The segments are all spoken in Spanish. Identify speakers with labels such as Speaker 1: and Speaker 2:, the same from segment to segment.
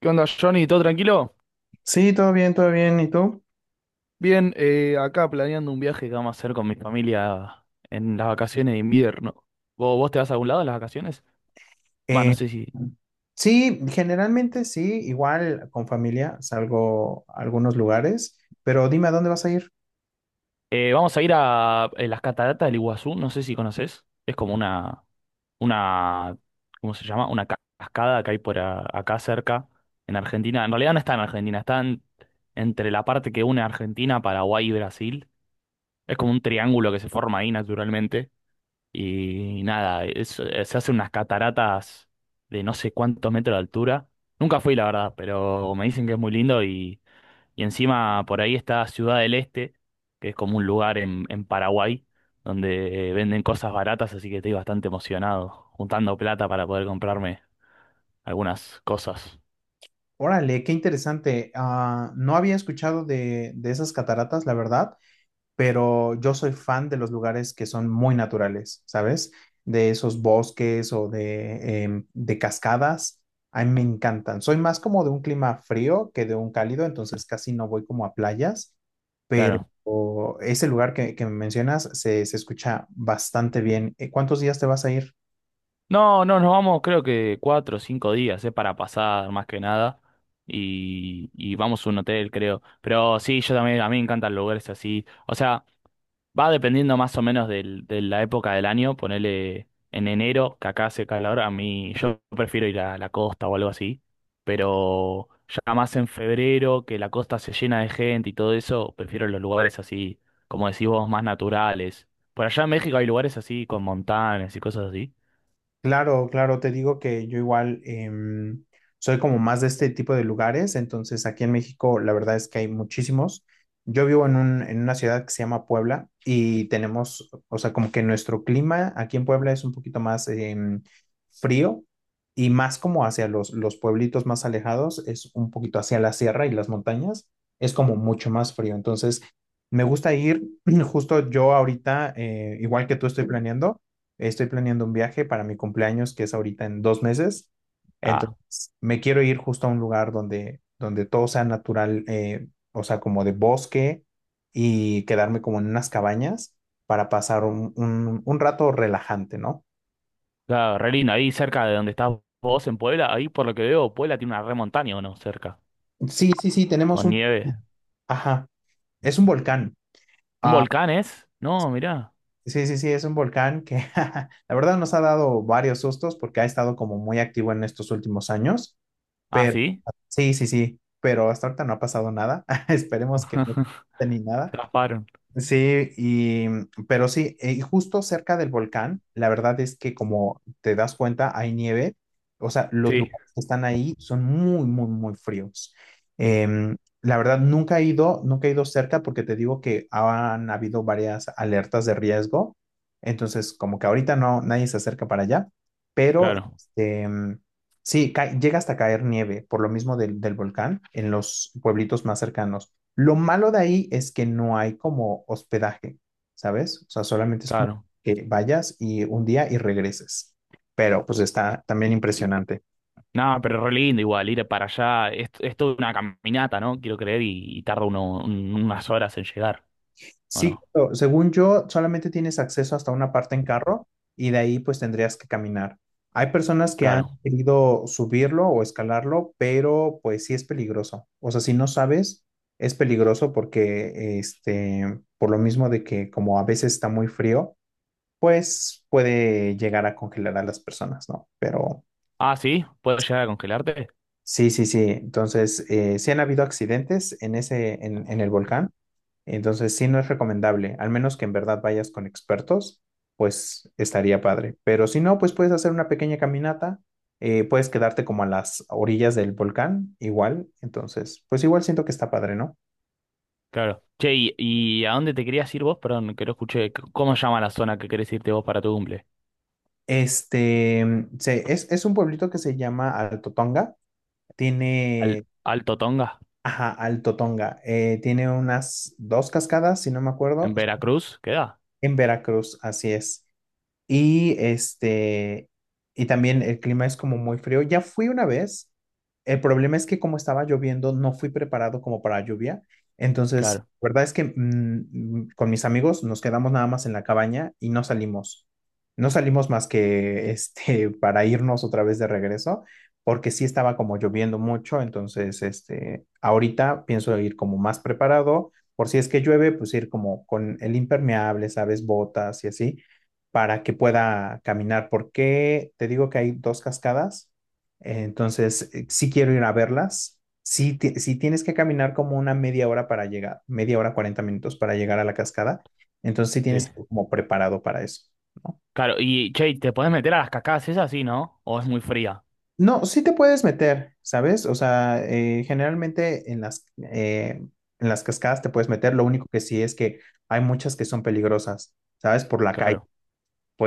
Speaker 1: ¿Qué onda, Johnny? ¿Todo tranquilo?
Speaker 2: Sí, todo bien, todo bien. ¿Y tú?
Speaker 1: Bien, acá planeando un viaje que vamos a hacer con mi familia en las vacaciones de invierno. ¿Vos te vas a algún lado en las vacaciones? Va, no
Speaker 2: Eh,
Speaker 1: sé si.
Speaker 2: sí, generalmente sí, igual con familia salgo a algunos lugares, pero dime a dónde vas a ir.
Speaker 1: Vamos a ir a las cataratas del Iguazú, no sé si conoces. Es como una, ¿cómo se llama? Una cascada que hay por acá cerca, en Argentina. En realidad no está en Argentina, entre la parte que une Argentina, Paraguay y Brasil. Es como un triángulo que se forma ahí naturalmente. Y nada, se hacen unas cataratas de no sé cuántos metros de altura. Nunca fui, la verdad, pero me dicen que es muy lindo y encima por ahí está Ciudad del Este, que es como un lugar en Paraguay donde venden cosas baratas, así que estoy bastante emocionado, juntando plata para poder comprarme algunas cosas.
Speaker 2: Órale, qué interesante. Ah, no había escuchado de esas cataratas, la verdad. Pero yo soy fan de los lugares que son muy naturales, ¿sabes? De esos bosques o de cascadas, a mí me encantan. Soy más como de un clima frío que de un cálido, entonces casi no voy como a playas, pero
Speaker 1: Claro.
Speaker 2: ese lugar que mencionas se escucha bastante bien. ¿Cuántos días te vas a ir?
Speaker 1: No, no, nos vamos creo que cuatro o cinco días, para pasar más que nada. Y vamos a un hotel, creo. Pero sí, yo también, a mí me encantan lugares así. O sea, va dependiendo más o menos de la época del año. Ponele en enero, que acá hace calor, a mí yo prefiero ir a la costa o algo así. Pero ya más en febrero, que la costa se llena de gente y todo eso, prefiero los lugares así, como decís vos, más naturales. Por allá en México hay lugares así, con montañas y cosas así.
Speaker 2: Claro, claro, te digo que yo igual soy como más de este tipo de lugares, entonces aquí en México la verdad es que hay muchísimos. Yo vivo en en una ciudad que se llama Puebla y tenemos, o sea, como que nuestro clima aquí en Puebla es un poquito más frío y más como hacia los pueblitos más alejados, es un poquito hacia la sierra y las montañas, es como mucho más frío. Entonces, me gusta ir, justo yo ahorita, igual que tú estoy planeando. Estoy planeando un viaje para mi cumpleaños, que es ahorita en 2 meses.
Speaker 1: Ah,
Speaker 2: Entonces, me quiero ir justo a un lugar donde todo sea natural, o sea, como de bosque y quedarme como en unas cabañas para pasar un rato relajante, ¿no?
Speaker 1: claro, re lindo. Ahí cerca de donde estás vos en Puebla, ahí por lo que veo, Puebla tiene una re montaña o no, cerca,
Speaker 2: Sí, sí, sí, tenemos
Speaker 1: con
Speaker 2: un.
Speaker 1: nieve.
Speaker 2: Ajá, es un volcán.
Speaker 1: ¿Un
Speaker 2: Ah,
Speaker 1: volcán es? No, mirá.
Speaker 2: sí, sí, sí, es un volcán que la verdad nos ha dado varios sustos porque ha estado como muy activo en estos últimos años.
Speaker 1: Ah,
Speaker 2: pero
Speaker 1: sí.
Speaker 2: Sí, sí, sí, pero hasta ahorita no ha pasado nada. Esperemos que no pase ni nada.
Speaker 1: Se zafaron.
Speaker 2: Sí, pero sí, y justo cerca del volcán, la verdad es que como te das cuenta, hay nieve, o sea, los
Speaker 1: Sí,
Speaker 2: lugares que están ahí son muy, muy, muy fríos. La verdad, nunca he ido, nunca he ido cerca porque te digo que han habido varias alertas de riesgo, entonces como que ahorita no, nadie se acerca para allá, pero
Speaker 1: claro,
Speaker 2: este, sí, llega hasta caer nieve por lo mismo del volcán en los pueblitos más cercanos. Lo malo de ahí es que no hay como hospedaje, ¿sabes? O sea, solamente es como
Speaker 1: claro.
Speaker 2: que vayas y un día y regreses. Pero pues está también impresionante.
Speaker 1: No, pero re lindo igual, ir para allá. Es toda una caminata, ¿no? Quiero creer, y tarda uno, unas horas en llegar, ¿o
Speaker 2: Sí,
Speaker 1: no?
Speaker 2: pero según yo, solamente tienes acceso hasta una parte en carro y de ahí pues tendrías que caminar. Hay personas que han
Speaker 1: Claro.
Speaker 2: querido subirlo o escalarlo, pero pues sí es peligroso. O sea, si no sabes, es peligroso porque este, por lo mismo de que como a veces está muy frío pues puede llegar a congelar a las personas, ¿no? Pero
Speaker 1: Ah, sí, ¿puedo llegar a congelarte?
Speaker 2: sí, sí, sí. Entonces, sí han habido accidentes en en el volcán. Entonces, sí no es recomendable, al menos que en verdad vayas con expertos, pues estaría padre. Pero si no, pues puedes hacer una pequeña caminata, puedes quedarte como a las orillas del volcán, igual. Entonces, pues igual siento que está padre, ¿no?
Speaker 1: Claro. Che, ¿y a dónde te querías ir vos? Perdón, que no escuché. ¿Cómo se llama la zona que querés irte vos para tu cumple?
Speaker 2: Este, es un pueblito que se llama Altotonga. Tiene
Speaker 1: Alto Tonga?
Speaker 2: Ajá, Alto Tonga. Tiene unas dos cascadas, si no me acuerdo,
Speaker 1: En Veracruz queda.
Speaker 2: en Veracruz, así es. Y este, y también el clima es como muy frío. Ya fui una vez. El problema es que como estaba lloviendo, no fui preparado como para lluvia. Entonces,
Speaker 1: Claro,
Speaker 2: la verdad es que con mis amigos nos quedamos nada más en la cabaña y no salimos. No salimos más que este para irnos otra vez de regreso, porque sí estaba como lloviendo mucho. Entonces, este, ahorita pienso ir como más preparado. Por si es que llueve, pues ir como con el impermeable, ¿sabes? Botas y así para que pueda caminar, porque te digo que hay dos cascadas, entonces sí quiero ir a verlas. Sí, sí tienes que caminar como una media hora para llegar, media hora, 40 minutos para llegar a la cascada, entonces sí tienes
Speaker 1: sí.
Speaker 2: que ir como preparado para eso, ¿no?
Speaker 1: Claro, y che, ¿te puedes meter a las cascadas esas? Sí, ¿no? ¿O es muy fría?
Speaker 2: No, sí te puedes meter, ¿sabes? O sea, generalmente en las, eh, en las, cascadas te puedes meter, lo único que sí es que hay muchas que son peligrosas, ¿sabes? Por la calle,
Speaker 1: Claro,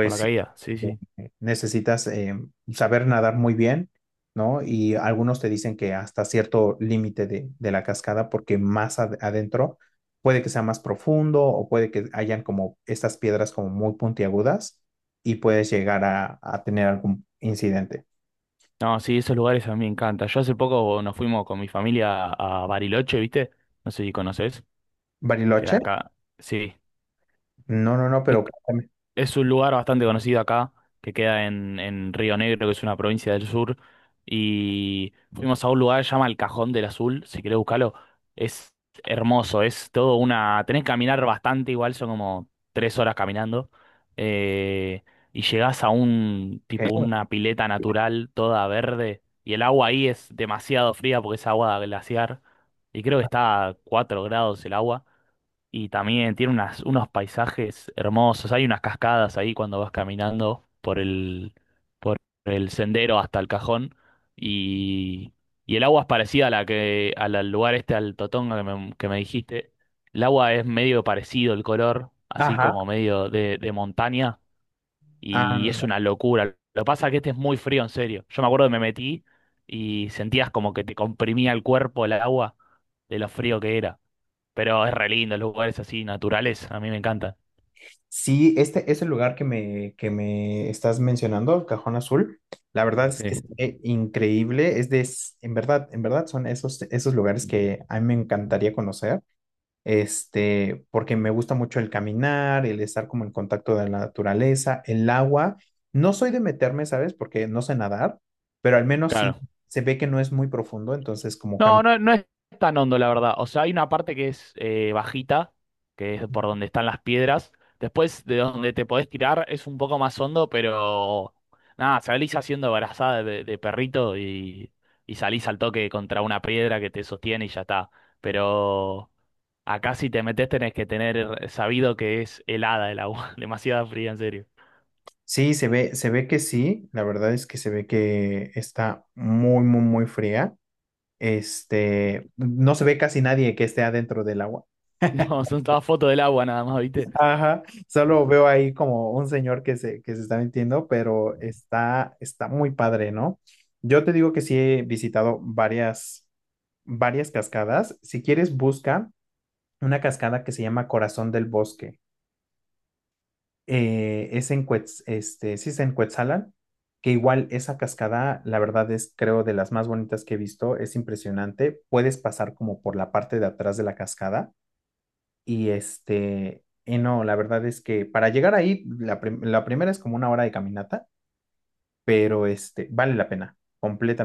Speaker 1: por la
Speaker 2: sí,
Speaker 1: caída. Sí, sí.
Speaker 2: necesitas saber nadar muy bien, ¿no? Y algunos te dicen que hasta cierto límite de la cascada, porque más adentro puede que sea más profundo o puede que hayan como estas piedras como muy puntiagudas y puedes llegar a tener algún incidente.
Speaker 1: No, sí, esos lugares a mí me encantan. Yo hace poco nos fuimos con mi familia a Bariloche, ¿viste? No sé si conoces. Que
Speaker 2: Bariloche,
Speaker 1: acá. Sí.
Speaker 2: no, no, no,
Speaker 1: Es,
Speaker 2: pero cuéntame,
Speaker 1: Es un lugar bastante conocido acá, que queda en Río Negro, que es una provincia del sur. Y fuimos a un lugar que se llama El Cajón del Azul, si querés buscarlo. Es hermoso, es todo una... Tenés que caminar bastante, igual son como tres horas caminando. eh, y llegás a un
Speaker 2: ¿qué?
Speaker 1: tipo, una pileta natural, toda verde. Y el agua ahí es demasiado fría porque es agua glaciar. Y creo que está a 4 grados el agua. Y también tiene unos paisajes hermosos. Hay unas cascadas ahí cuando vas caminando por el sendero hasta el cajón. Y, y el agua es parecida a la que, al lugar este, al Totonga que me dijiste. El agua es medio parecido el color, así
Speaker 2: Ajá,
Speaker 1: como medio de montaña. Y es
Speaker 2: ah,
Speaker 1: una locura. Lo que pasa es que este es muy frío, en serio. Yo me acuerdo que me metí y sentías como que te comprimía el cuerpo el agua de lo frío que era. Pero es re lindo, los lugares así naturales, a mí me encantan.
Speaker 2: sí, este es el lugar que me estás mencionando, el Cajón Azul. La verdad es que
Speaker 1: Sí,
Speaker 2: es increíble. En verdad son esos lugares que a mí me encantaría conocer, este, porque me gusta mucho el caminar, el estar como en contacto de la naturaleza, el agua. No soy de meterme, ¿sabes? Porque no sé nadar, pero al menos sí
Speaker 1: claro.
Speaker 2: se ve que no es muy profundo, entonces como
Speaker 1: No,
Speaker 2: caminar.
Speaker 1: no, no es tan hondo, la verdad. O sea, hay una parte que es bajita, que es por donde están las piedras. Después de donde te podés tirar es un poco más hondo, pero nada, salís haciendo brazada de perrito y salís al toque contra una piedra que te sostiene y ya está. Pero acá si te metés tenés que tener sabido que es helada el agua, demasiada fría, en serio.
Speaker 2: Sí, se ve que sí. La verdad es que se ve que está muy, muy, muy fría. Este, no se ve casi nadie que esté adentro del agua.
Speaker 1: No, son todas fotos del agua nada más, ¿viste?
Speaker 2: Ajá, solo veo ahí como un señor que se está metiendo, pero está muy padre, ¿no? Yo te digo que sí he visitado varias, varias cascadas. Si quieres, busca una cascada que se llama Corazón del Bosque. Es en este, sí es en Cuetzalan, que igual esa cascada, la verdad es, creo, de las más bonitas que he visto. Es impresionante. Puedes pasar como por la parte de atrás de la cascada. Y este, y no, la verdad es que para llegar ahí, la primera es como una hora de caminata, pero este, vale la pena,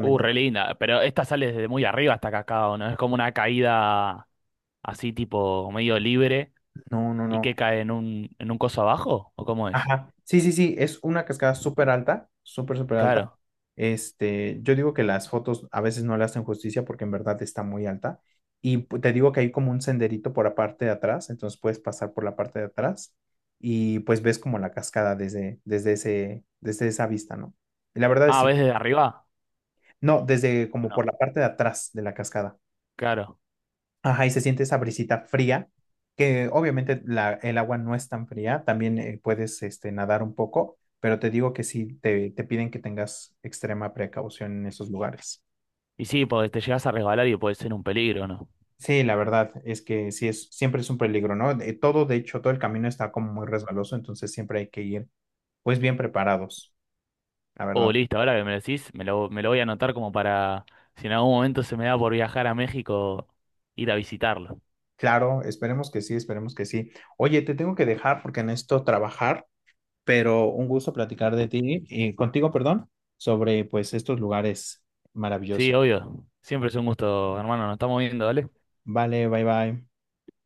Speaker 1: Re linda, pero esta sale desde muy arriba hasta Cacao, ¿no? Es como una caída así tipo medio libre
Speaker 2: No, no,
Speaker 1: y que
Speaker 2: no.
Speaker 1: cae en un coso abajo, ¿o cómo es?
Speaker 2: Ajá. Sí, sí, sí, es una cascada súper alta, súper, súper alta.
Speaker 1: Claro.
Speaker 2: Este, yo digo que las fotos a veces no le hacen justicia porque en verdad está muy alta. Y te digo que hay como un senderito por la parte de atrás, entonces puedes pasar por la parte de atrás y pues ves como la cascada desde esa vista, ¿no? Y la verdad es
Speaker 1: Ah, ¿ves desde arriba?
Speaker 2: No, desde
Speaker 1: ¿O
Speaker 2: como
Speaker 1: no?
Speaker 2: por la parte de atrás de la cascada.
Speaker 1: Claro.
Speaker 2: Ajá, y se siente esa brisita fría, que obviamente el agua no es tan fría, también puedes este, nadar un poco, pero te digo que sí, te piden que tengas extrema precaución en esos lugares.
Speaker 1: Y sí, porque te llegas a resbalar y puede ser un peligro, ¿no?
Speaker 2: Sí, la verdad es que siempre es un peligro, ¿no? Todo, de hecho, todo el camino está como muy resbaloso, entonces siempre hay que ir pues bien preparados, la
Speaker 1: Oh,
Speaker 2: verdad.
Speaker 1: listo, ahora que me lo decís, me lo voy a anotar como para, si en algún momento se me da por viajar a México, ir a visitarlo.
Speaker 2: Claro, esperemos que sí, esperemos que sí. Oye, te tengo que dejar porque necesito trabajar. Pero un gusto platicar de ti y contigo, perdón, sobre pues estos lugares
Speaker 1: Sí,
Speaker 2: maravillosos.
Speaker 1: obvio. Siempre es un gusto, hermano, nos estamos viendo, ¿vale?
Speaker 2: Vale, bye bye.